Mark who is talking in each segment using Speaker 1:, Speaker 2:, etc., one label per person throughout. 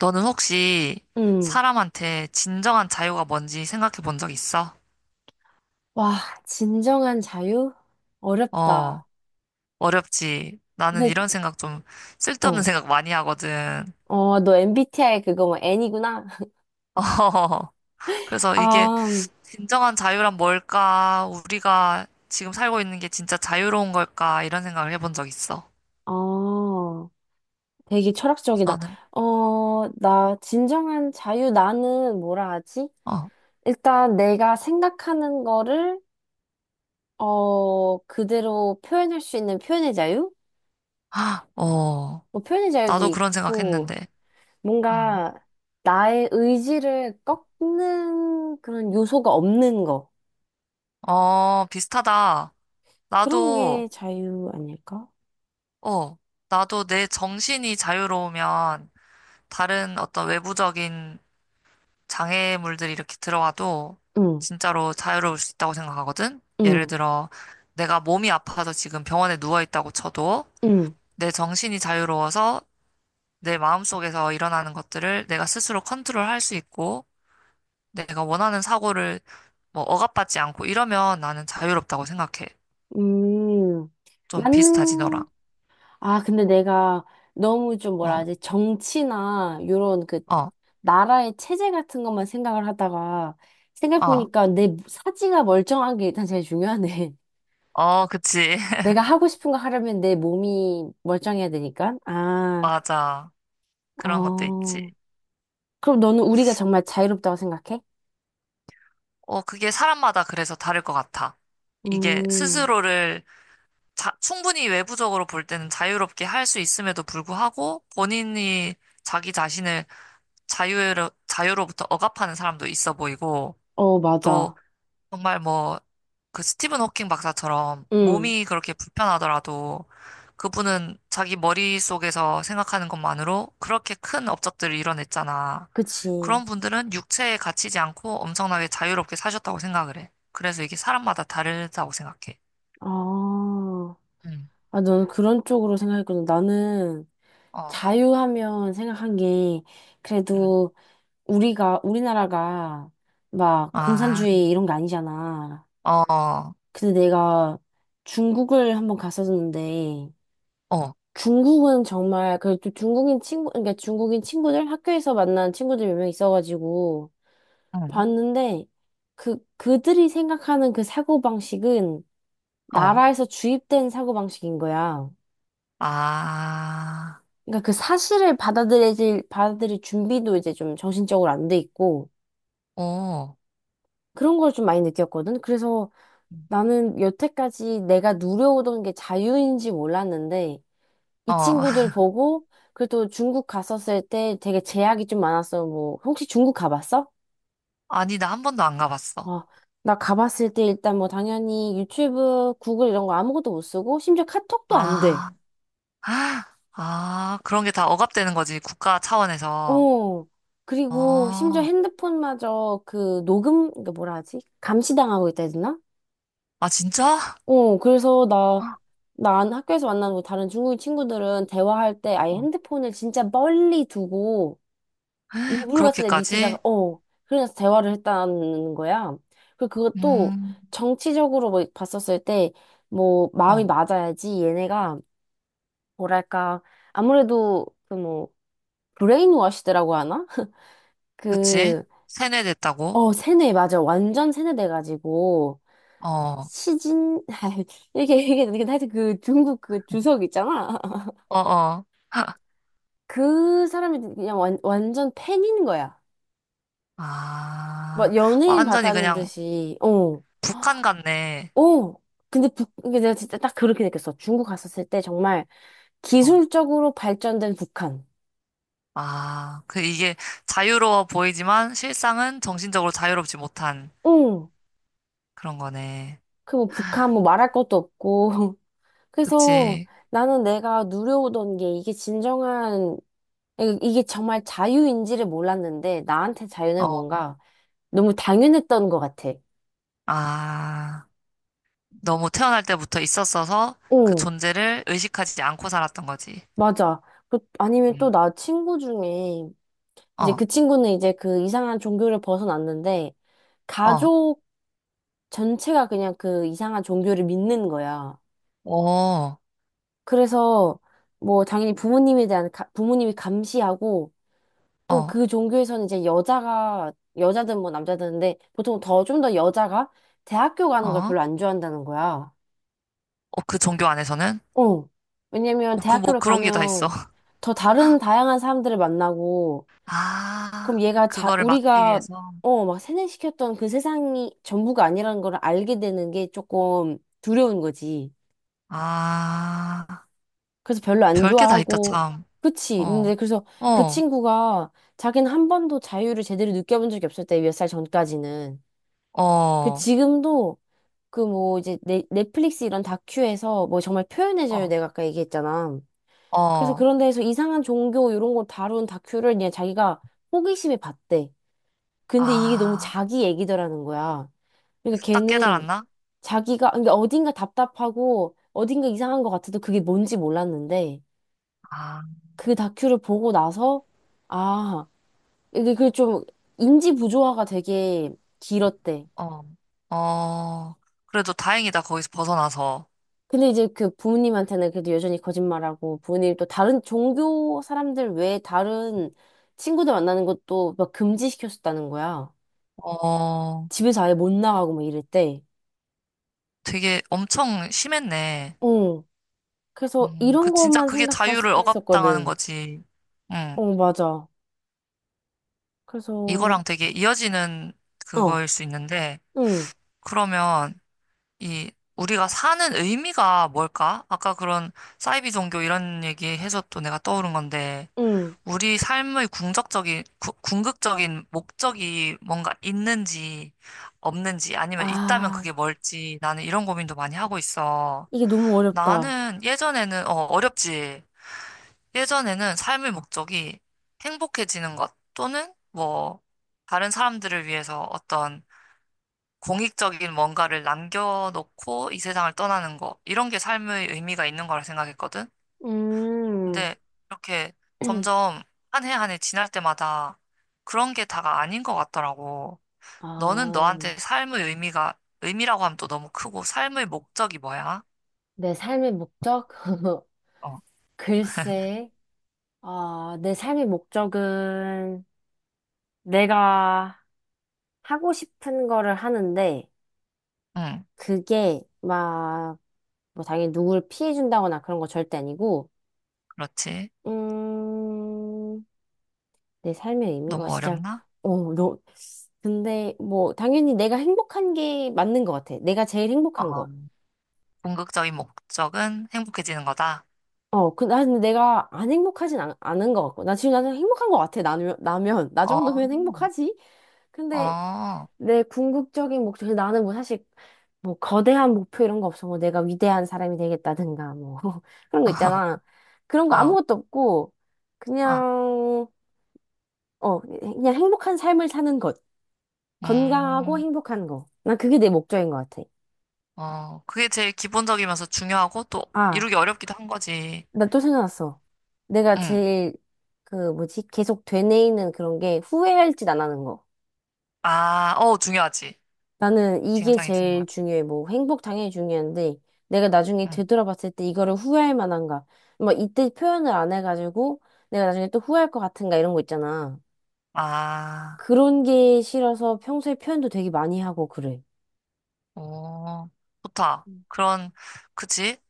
Speaker 1: 너는 혹시
Speaker 2: 음.
Speaker 1: 사람한테 진정한 자유가 뭔지 생각해 본 적 있어?
Speaker 2: 와, 진정한 자유?
Speaker 1: 어,
Speaker 2: 어렵다.
Speaker 1: 어렵지. 나는
Speaker 2: 근데,
Speaker 1: 이런 생각 좀 쓸데없는
Speaker 2: 어.
Speaker 1: 생각 많이 하거든.
Speaker 2: 어, 너 MBTI 그거 뭐 N이구나?
Speaker 1: 어, 그래서 이게
Speaker 2: 아,
Speaker 1: 진정한 자유란 뭘까? 우리가 지금 살고 있는 게 진짜 자유로운 걸까? 이런 생각을 해본 적 있어.
Speaker 2: 어, 되게 철학적이다.
Speaker 1: 너는?
Speaker 2: 어, 나 진정한 자유 나는 뭐라 하지?
Speaker 1: 어,
Speaker 2: 일단 내가 생각하는 거를, 그대로 표현할 수 있는 표현의 자유?
Speaker 1: 어,
Speaker 2: 뭐 표현의 자유도
Speaker 1: 나도 그런
Speaker 2: 있고,
Speaker 1: 생각했는데. 음.
Speaker 2: 뭔가 나의 의지를 꺾는 그런 요소가 없는 거.
Speaker 1: 어, 비슷하다.
Speaker 2: 그런
Speaker 1: 나도,
Speaker 2: 게 자유 아닐까?
Speaker 1: 어, 나도 내 정신이 자유로우면 다른 어떤 외부적인 장애물들이 이렇게 들어와도
Speaker 2: 응,
Speaker 1: 진짜로 자유로울 수 있다고 생각하거든? 예를
Speaker 2: 응,
Speaker 1: 들어, 내가 몸이 아파서 지금 병원에 누워 있다고 쳐도
Speaker 2: 응,
Speaker 1: 내 정신이 자유로워서 내 마음속에서 일어나는 것들을 내가 스스로 컨트롤할 수 있고 내가 원하는 사고를 뭐 억압받지 않고 이러면 나는 자유롭다고 생각해.
Speaker 2: 음.
Speaker 1: 좀 비슷하지, 너랑.
Speaker 2: 맞는, 아, 근데 내가 너무 좀
Speaker 1: 어,
Speaker 2: 뭐라 하지? 정치나, 요런 그,
Speaker 1: 어,
Speaker 2: 나라의 체제 같은 것만 생각을 하다가,
Speaker 1: 어,
Speaker 2: 생각해보니까 내 사지가 멀쩡한 게 일단 제일 중요하네.
Speaker 1: 어, 그치.
Speaker 2: 내가 하고 싶은 거 하려면 내 몸이 멀쩡해야 되니까. 아,
Speaker 1: 맞아. 그런 것도
Speaker 2: 어.
Speaker 1: 있지.
Speaker 2: 그럼 너는 우리가 정말 자유롭다고 생각해?
Speaker 1: 어, 그게 사람마다 그래서 다를 것 같아. 이게
Speaker 2: 음,
Speaker 1: 스스로를 충분히 외부적으로 볼 때는 자유롭게 할 수 있음에도 불구하고 본인이 자기 자신을 자유로, 자유로부터 억압하는 사람도 있어 보이고
Speaker 2: 어, 맞아.
Speaker 1: 정말 뭐, 그 스티븐 호킹 박사처럼
Speaker 2: 응,
Speaker 1: 몸이 그렇게 불편하더라도 그분은 자기 머릿속에서 생각하는 것만으로 그렇게 큰 업적들을 이뤄냈잖아.
Speaker 2: 그치.
Speaker 1: 그런 분들은 육체에 갇히지 않고 엄청나게 자유롭게 사셨다고 생각을 해. 그래서 이게 사람마다 다르다고 생각해.
Speaker 2: 아,
Speaker 1: 응,
Speaker 2: 아, 넌 그런 쪽으로 생각했구나. 나는
Speaker 1: 어,
Speaker 2: 자유하면 생각한 게,
Speaker 1: 응.
Speaker 2: 그래도 우리가, 우리나라가 막
Speaker 1: 아,
Speaker 2: 공산주의 이런 게 아니잖아.
Speaker 1: 어,
Speaker 2: 근데 내가 중국을 한번 갔었는데,
Speaker 1: 어,
Speaker 2: 중국은 정말, 그래도 중국인 친구, 그러니까 중국인 친구들, 학교에서 만난 친구들 몇 명 있어가지고,
Speaker 1: 응,
Speaker 2: 봤는데, 그, 그들이 생각하는 그 사고방식은
Speaker 1: 어,
Speaker 2: 나라에서 주입된 사고방식인 거야.
Speaker 1: 아,
Speaker 2: 그러니까 그 사실을 받아들일 준비도 이제 좀 정신적으로 안 돼 있고,
Speaker 1: 오,
Speaker 2: 그런 걸 좀 많이 느꼈거든. 그래서 나는 여태까지 내가 누려오던 게 자유인지 몰랐는데, 이
Speaker 1: 어.
Speaker 2: 친구들 보고, 그래도 중국 갔었을 때 되게 제약이 좀 많았어. 뭐, 혹시 중국 가봤어?
Speaker 1: 아니, 나 한 번도 안 가봤어.
Speaker 2: 어, 나 가봤을 때 일단 뭐 당연히 유튜브, 구글 이런 거 아무것도 못 쓰고, 심지어 카톡도 안 돼.
Speaker 1: 아. 아, 아, 그런 게 다 억압되는 거지, 국가 차원에서.
Speaker 2: 어. 그리고 심지어
Speaker 1: 아,
Speaker 2: 핸드폰마저 그 녹음, 그 뭐라 하지? 감시당하고 있다 해야 되나?
Speaker 1: 아, 진짜?
Speaker 2: 어, 그래서 나 학교에서 만나는 다른 중국인 친구들은 대화할 때 아예
Speaker 1: 어,
Speaker 2: 핸드폰을 진짜 멀리 두고 이불 같은 데
Speaker 1: 그렇게까지?
Speaker 2: 밑에다가, 그래서 대화를 했다는 거야. 그리고 그것도
Speaker 1: 음,
Speaker 2: 정치적으로 뭐 봤었을 때, 뭐, 마음이
Speaker 1: 어,
Speaker 2: 맞아야지 얘네가, 뭐랄까, 아무래도 그 뭐, 브레인워시드라고 하나?
Speaker 1: 그치?
Speaker 2: 그,
Speaker 1: 세뇌됐다고?
Speaker 2: 어, 세뇌, 맞아. 완전 세뇌돼가지고,
Speaker 1: 어, 어,
Speaker 2: 시진, 이게 하여튼 그 중국 그 주석 있잖아.
Speaker 1: 어.
Speaker 2: 그 사람이 그냥 완전 팬인 거야.
Speaker 1: 아,
Speaker 2: 막 연예인
Speaker 1: 완전히
Speaker 2: 봤다는
Speaker 1: 그냥
Speaker 2: 듯이, 어,
Speaker 1: 북한 같네.
Speaker 2: 어. 근데 이게 내가 진짜 딱 그렇게 느꼈어. 중국 갔었을 때 정말
Speaker 1: 어,
Speaker 2: 기술적으로 발전된 북한.
Speaker 1: 아, 그 이게 자유로워 보이지만 실상은 정신적으로 자유롭지 못한
Speaker 2: 응.
Speaker 1: 그런 거네.
Speaker 2: 그 뭐 북한 뭐 말할 것도 없고. 그래서
Speaker 1: 그치?
Speaker 2: 나는 내가 누려오던 게 이게 진정한, 이게 정말 자유인지를 몰랐는데 나한테 자유는
Speaker 1: 어,
Speaker 2: 뭔가 너무 당연했던 것 같아.
Speaker 1: 아. 너무 태어날 때부터 있었어서 그
Speaker 2: 어,
Speaker 1: 존재를 의식하지 않고 살았던 거지.
Speaker 2: 맞아. 그- 아니면 또
Speaker 1: 음.
Speaker 2: 나 친구 중에 이제
Speaker 1: 어,
Speaker 2: 그 친구는 이제 그 이상한 종교를 벗어났는데,
Speaker 1: 어,
Speaker 2: 가족 전체가 그냥 그 이상한 종교를 믿는 거야.
Speaker 1: 어, 어,
Speaker 2: 그래서, 뭐, 당연히 부모님에 대한, 부모님이 감시하고, 또
Speaker 1: 어.
Speaker 2: 그 종교에서는 이제 여자가, 여자든 뭐 남자든데, 보통 더, 좀 더 여자가 대학교 가는 걸
Speaker 1: 어,
Speaker 2: 별로 안 좋아한다는 거야.
Speaker 1: 그 종교 안에서는?
Speaker 2: 어. 왜냐면
Speaker 1: 어, 그 뭐
Speaker 2: 대학교를
Speaker 1: 그런 게 다 있어.
Speaker 2: 가면 더 다른 다양한 사람들을 만나고,
Speaker 1: 아,
Speaker 2: 그럼 얘가 자,
Speaker 1: 그거를 막기
Speaker 2: 우리가,
Speaker 1: 위해서.
Speaker 2: 어, 막 세뇌시켰던 그 세상이 전부가 아니라는 걸 알게 되는 게 조금 두려운 거지.
Speaker 1: 아,
Speaker 2: 그래서 별로 안
Speaker 1: 별게 다 있다,
Speaker 2: 좋아하고,
Speaker 1: 참.
Speaker 2: 그치.
Speaker 1: 어,
Speaker 2: 근데 그래서 그
Speaker 1: 어,
Speaker 2: 친구가 자기는 한 번도 자유를 제대로 느껴본 적이 없었대, 몇 살 전까지는. 그
Speaker 1: 어,
Speaker 2: 지금도 그 뭐 이제 넷플릭스 이런 다큐에서 뭐 정말 표현의 자유
Speaker 1: 어,
Speaker 2: 내가 아까 얘기했잖아. 그래서
Speaker 1: 어.
Speaker 2: 그런 데에서 이상한 종교 이런 거 다룬 다큐를 그냥 자기가 호기심에 봤대. 근데 이게 너무
Speaker 1: 아,
Speaker 2: 자기 얘기더라는 거야. 그러니까
Speaker 1: 딱
Speaker 2: 걔는
Speaker 1: 깨달았나?
Speaker 2: 자기가, 그러니까 어딘가 답답하고 어딘가 이상한 것 같아도 그게 뭔지 몰랐는데
Speaker 1: 아,
Speaker 2: 그 다큐를 보고 나서 아, 이게 그 좀 인지 부조화가 되게 길었대.
Speaker 1: 어, 어. 그래도 다행이다, 거기서 벗어나서.
Speaker 2: 근데 이제 그 부모님한테는 그래도 여전히 거짓말하고 부모님 또 다른 종교 사람들 외에 다른 친구들 만나는 것도 막 금지시켰었다는 거야.
Speaker 1: 어,
Speaker 2: 집에서 아예 못 나가고 막 이랬대.
Speaker 1: 되게 엄청 심했네.
Speaker 2: 응. 그래서
Speaker 1: 그
Speaker 2: 이런
Speaker 1: 진짜
Speaker 2: 것만
Speaker 1: 그게 자유를 억압당하는
Speaker 2: 생각했었거든.
Speaker 1: 거지. 음,
Speaker 2: 어, 맞아. 그래서,
Speaker 1: 이거랑 되게 이어지는
Speaker 2: 어,
Speaker 1: 그거일 수 있는데,
Speaker 2: 응,
Speaker 1: 그러면 이 우리가 사는 의미가 뭘까? 아까 그런 사이비 종교 이런 얘기 해서 또 내가 떠오른 건데,
Speaker 2: 응.
Speaker 1: 우리 삶의 궁극적인, 궁극적인 목적이 뭔가 있는지 없는지 아니면 있다면
Speaker 2: 아,
Speaker 1: 그게 뭘지 나는 이런 고민도 많이 하고 있어.
Speaker 2: 이게 너무 어렵다.
Speaker 1: 나는 예전에는 어, 어렵지. 예전에는 삶의 목적이 행복해지는 것 또는 뭐 다른 사람들을 위해서 어떤 공익적인 뭔가를 남겨놓고 이 세상을 떠나는 것 이런 게 삶의 의미가 있는 거라 생각했거든.
Speaker 2: 음,
Speaker 1: 근데 이렇게 점점 한 해 한 해 지날 때마다 그런 게 다가 아닌 것 같더라고. 너는
Speaker 2: 아,
Speaker 1: 너한테 삶의 의미가 의미라고 하면 또 너무 크고 삶의 목적이 뭐야?
Speaker 2: 내 삶의 목적?
Speaker 1: 어,
Speaker 2: 글쎄, 아, 내 삶의 목적은 내가 하고 싶은 거를 하는데,
Speaker 1: 응,
Speaker 2: 그게 막, 뭐, 당연히 누굴 피해준다거나 그런 거 절대 아니고,
Speaker 1: 그렇지.
Speaker 2: 음, 내 삶의 의미? 와,
Speaker 1: 너무
Speaker 2: 진짜,
Speaker 1: 어렵나?
Speaker 2: 어, 근데, 뭐, 당연히 내가 행복한 게 맞는 것 같아. 내가 제일 행복한 거.
Speaker 1: 어. 궁극적인 목적은 행복해지는 거다.
Speaker 2: 어, 그, 난 내가 안 행복하진 않은 것 같고. 나 지금 나는 행복한 것 같아. 나면, 나면. 나
Speaker 1: 어,
Speaker 2: 정도면 행복하지? 근데
Speaker 1: 어,
Speaker 2: 내 궁극적인 목표, 나는 뭐 사실, 뭐, 거대한 목표 이런 거 없어. 뭐, 내가 위대한 사람이 되겠다든가, 뭐, 그런 거 있잖아. 그런 거
Speaker 1: 어, 어,
Speaker 2: 아무것도 없고,
Speaker 1: 어,
Speaker 2: 그냥, 어, 그냥 행복한 삶을 사는 것. 건강하고
Speaker 1: 음,
Speaker 2: 행복한 거. 난 그게 내 목적인 것 같아.
Speaker 1: 어, 그게 제일 기본적이면서 중요하고 또
Speaker 2: 아,
Speaker 1: 이루기 어렵기도 한 거지.
Speaker 2: 나 또 생각났어. 내가
Speaker 1: 응.
Speaker 2: 제일, 그, 뭐지, 계속 되뇌이는 그런 게 후회할지 안 하는 거.
Speaker 1: 아, 어, 중요하지.
Speaker 2: 나는 이게
Speaker 1: 굉장히
Speaker 2: 제일
Speaker 1: 중요하지.
Speaker 2: 중요해. 뭐, 행복 당연히 중요한데, 내가 나중에
Speaker 1: 응.
Speaker 2: 되돌아봤을 때 이거를 후회할 만한가. 뭐, 이때 표현을 안 해가지고, 내가 나중에 또 후회할 것 같은가, 이런 거 있잖아.
Speaker 1: 아,
Speaker 2: 그런 게 싫어서 평소에 표현도 되게 많이 하고 그래.
Speaker 1: 오, 좋다.
Speaker 2: 음.
Speaker 1: 그런, 그치?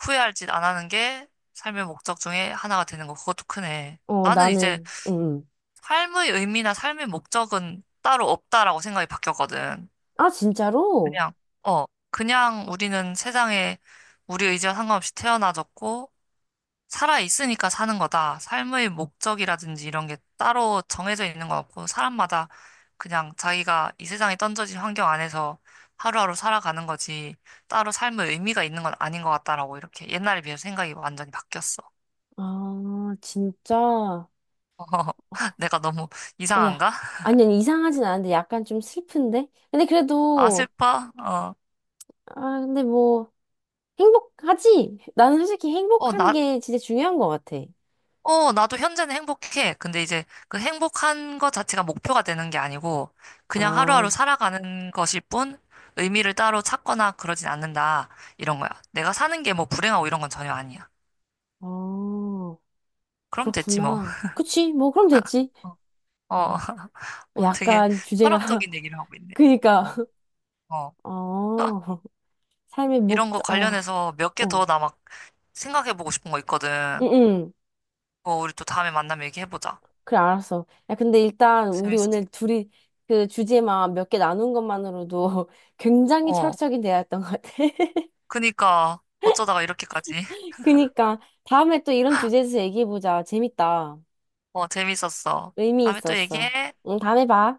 Speaker 1: 후회할 짓 안 하는 게 삶의 목적 중에 하나가 되는 거. 그것도 크네.
Speaker 2: 어,
Speaker 1: 나는 이제
Speaker 2: 나는, 응, 응.
Speaker 1: 삶의 의미나 삶의 목적은 따로 없다라고 생각이 바뀌었거든.
Speaker 2: 아, 진짜로?
Speaker 1: 그냥, 어, 그냥 우리는 세상에 우리 의지와 상관없이 태어나졌고, 살아있으니까 사는 거다. 삶의 목적이라든지 이런 게 따로 정해져 있는 것 없고, 사람마다 그냥 자기가 이 세상에 던져진 환경 안에서 하루하루 살아가는 거지, 따로 삶의 의미가 있는 건 아닌 것 같다라고 이렇게 옛날에 비해서 생각이 완전히 바뀌었어.
Speaker 2: 아, 진짜.
Speaker 1: 내가 너무
Speaker 2: 어, 야.
Speaker 1: 이상한가?
Speaker 2: 아니, 아니, 이상하진 않은데 약간 좀 슬픈데? 근데
Speaker 1: 아,
Speaker 2: 그래도,
Speaker 1: 슬퍼? 어.
Speaker 2: 아, 근데 뭐, 행복하지? 나는 솔직히
Speaker 1: 어,
Speaker 2: 행복한
Speaker 1: 나,
Speaker 2: 게 진짜 중요한 것 같아.
Speaker 1: 어, 나도 현재는 행복해. 근데 이제 그 행복한 것 자체가 목표가 되는 게 아니고 그냥
Speaker 2: 아,
Speaker 1: 하루하루 살아가는 것일 뿐 의미를 따로 찾거나 그러진 않는다. 이런 거야. 내가 사는 게 뭐 불행하고 이런 건 전혀 아니야.
Speaker 2: 어,
Speaker 1: 그럼 됐지 뭐.
Speaker 2: 그렇구나. 그치, 뭐, 그럼 됐지.
Speaker 1: 어,
Speaker 2: 어,
Speaker 1: 어, 어, 되게
Speaker 2: 약간 주제가,
Speaker 1: 철학적인 얘기를 하고 있네.
Speaker 2: 그니까,
Speaker 1: 어, 어.
Speaker 2: 어, 삶의
Speaker 1: 이런 거
Speaker 2: 목적, 어,
Speaker 1: 관련해서 몇 개
Speaker 2: 어,
Speaker 1: 더 나 막 생각해보고 싶은 거
Speaker 2: 응,
Speaker 1: 있거든.
Speaker 2: 응.
Speaker 1: 어, 우리 또 다음에 만나면 얘기해보자.
Speaker 2: 그래, 알았어. 야, 근데 일단, 우리 오늘
Speaker 1: 재밌었어.
Speaker 2: 둘이 그 주제만 몇 개 나눈 것만으로도 굉장히
Speaker 1: 어,
Speaker 2: 철학적인 대화였던 것 같아.
Speaker 1: 그니까 어쩌다가 이렇게까지.
Speaker 2: 그니까 다음에 또 이런 주제에서 얘기해보자. 재밌다.
Speaker 1: 어, 재밌었어.
Speaker 2: 의미
Speaker 1: 다음에 또
Speaker 2: 있었어.
Speaker 1: 얘기해.
Speaker 2: 응, 다음에 봐.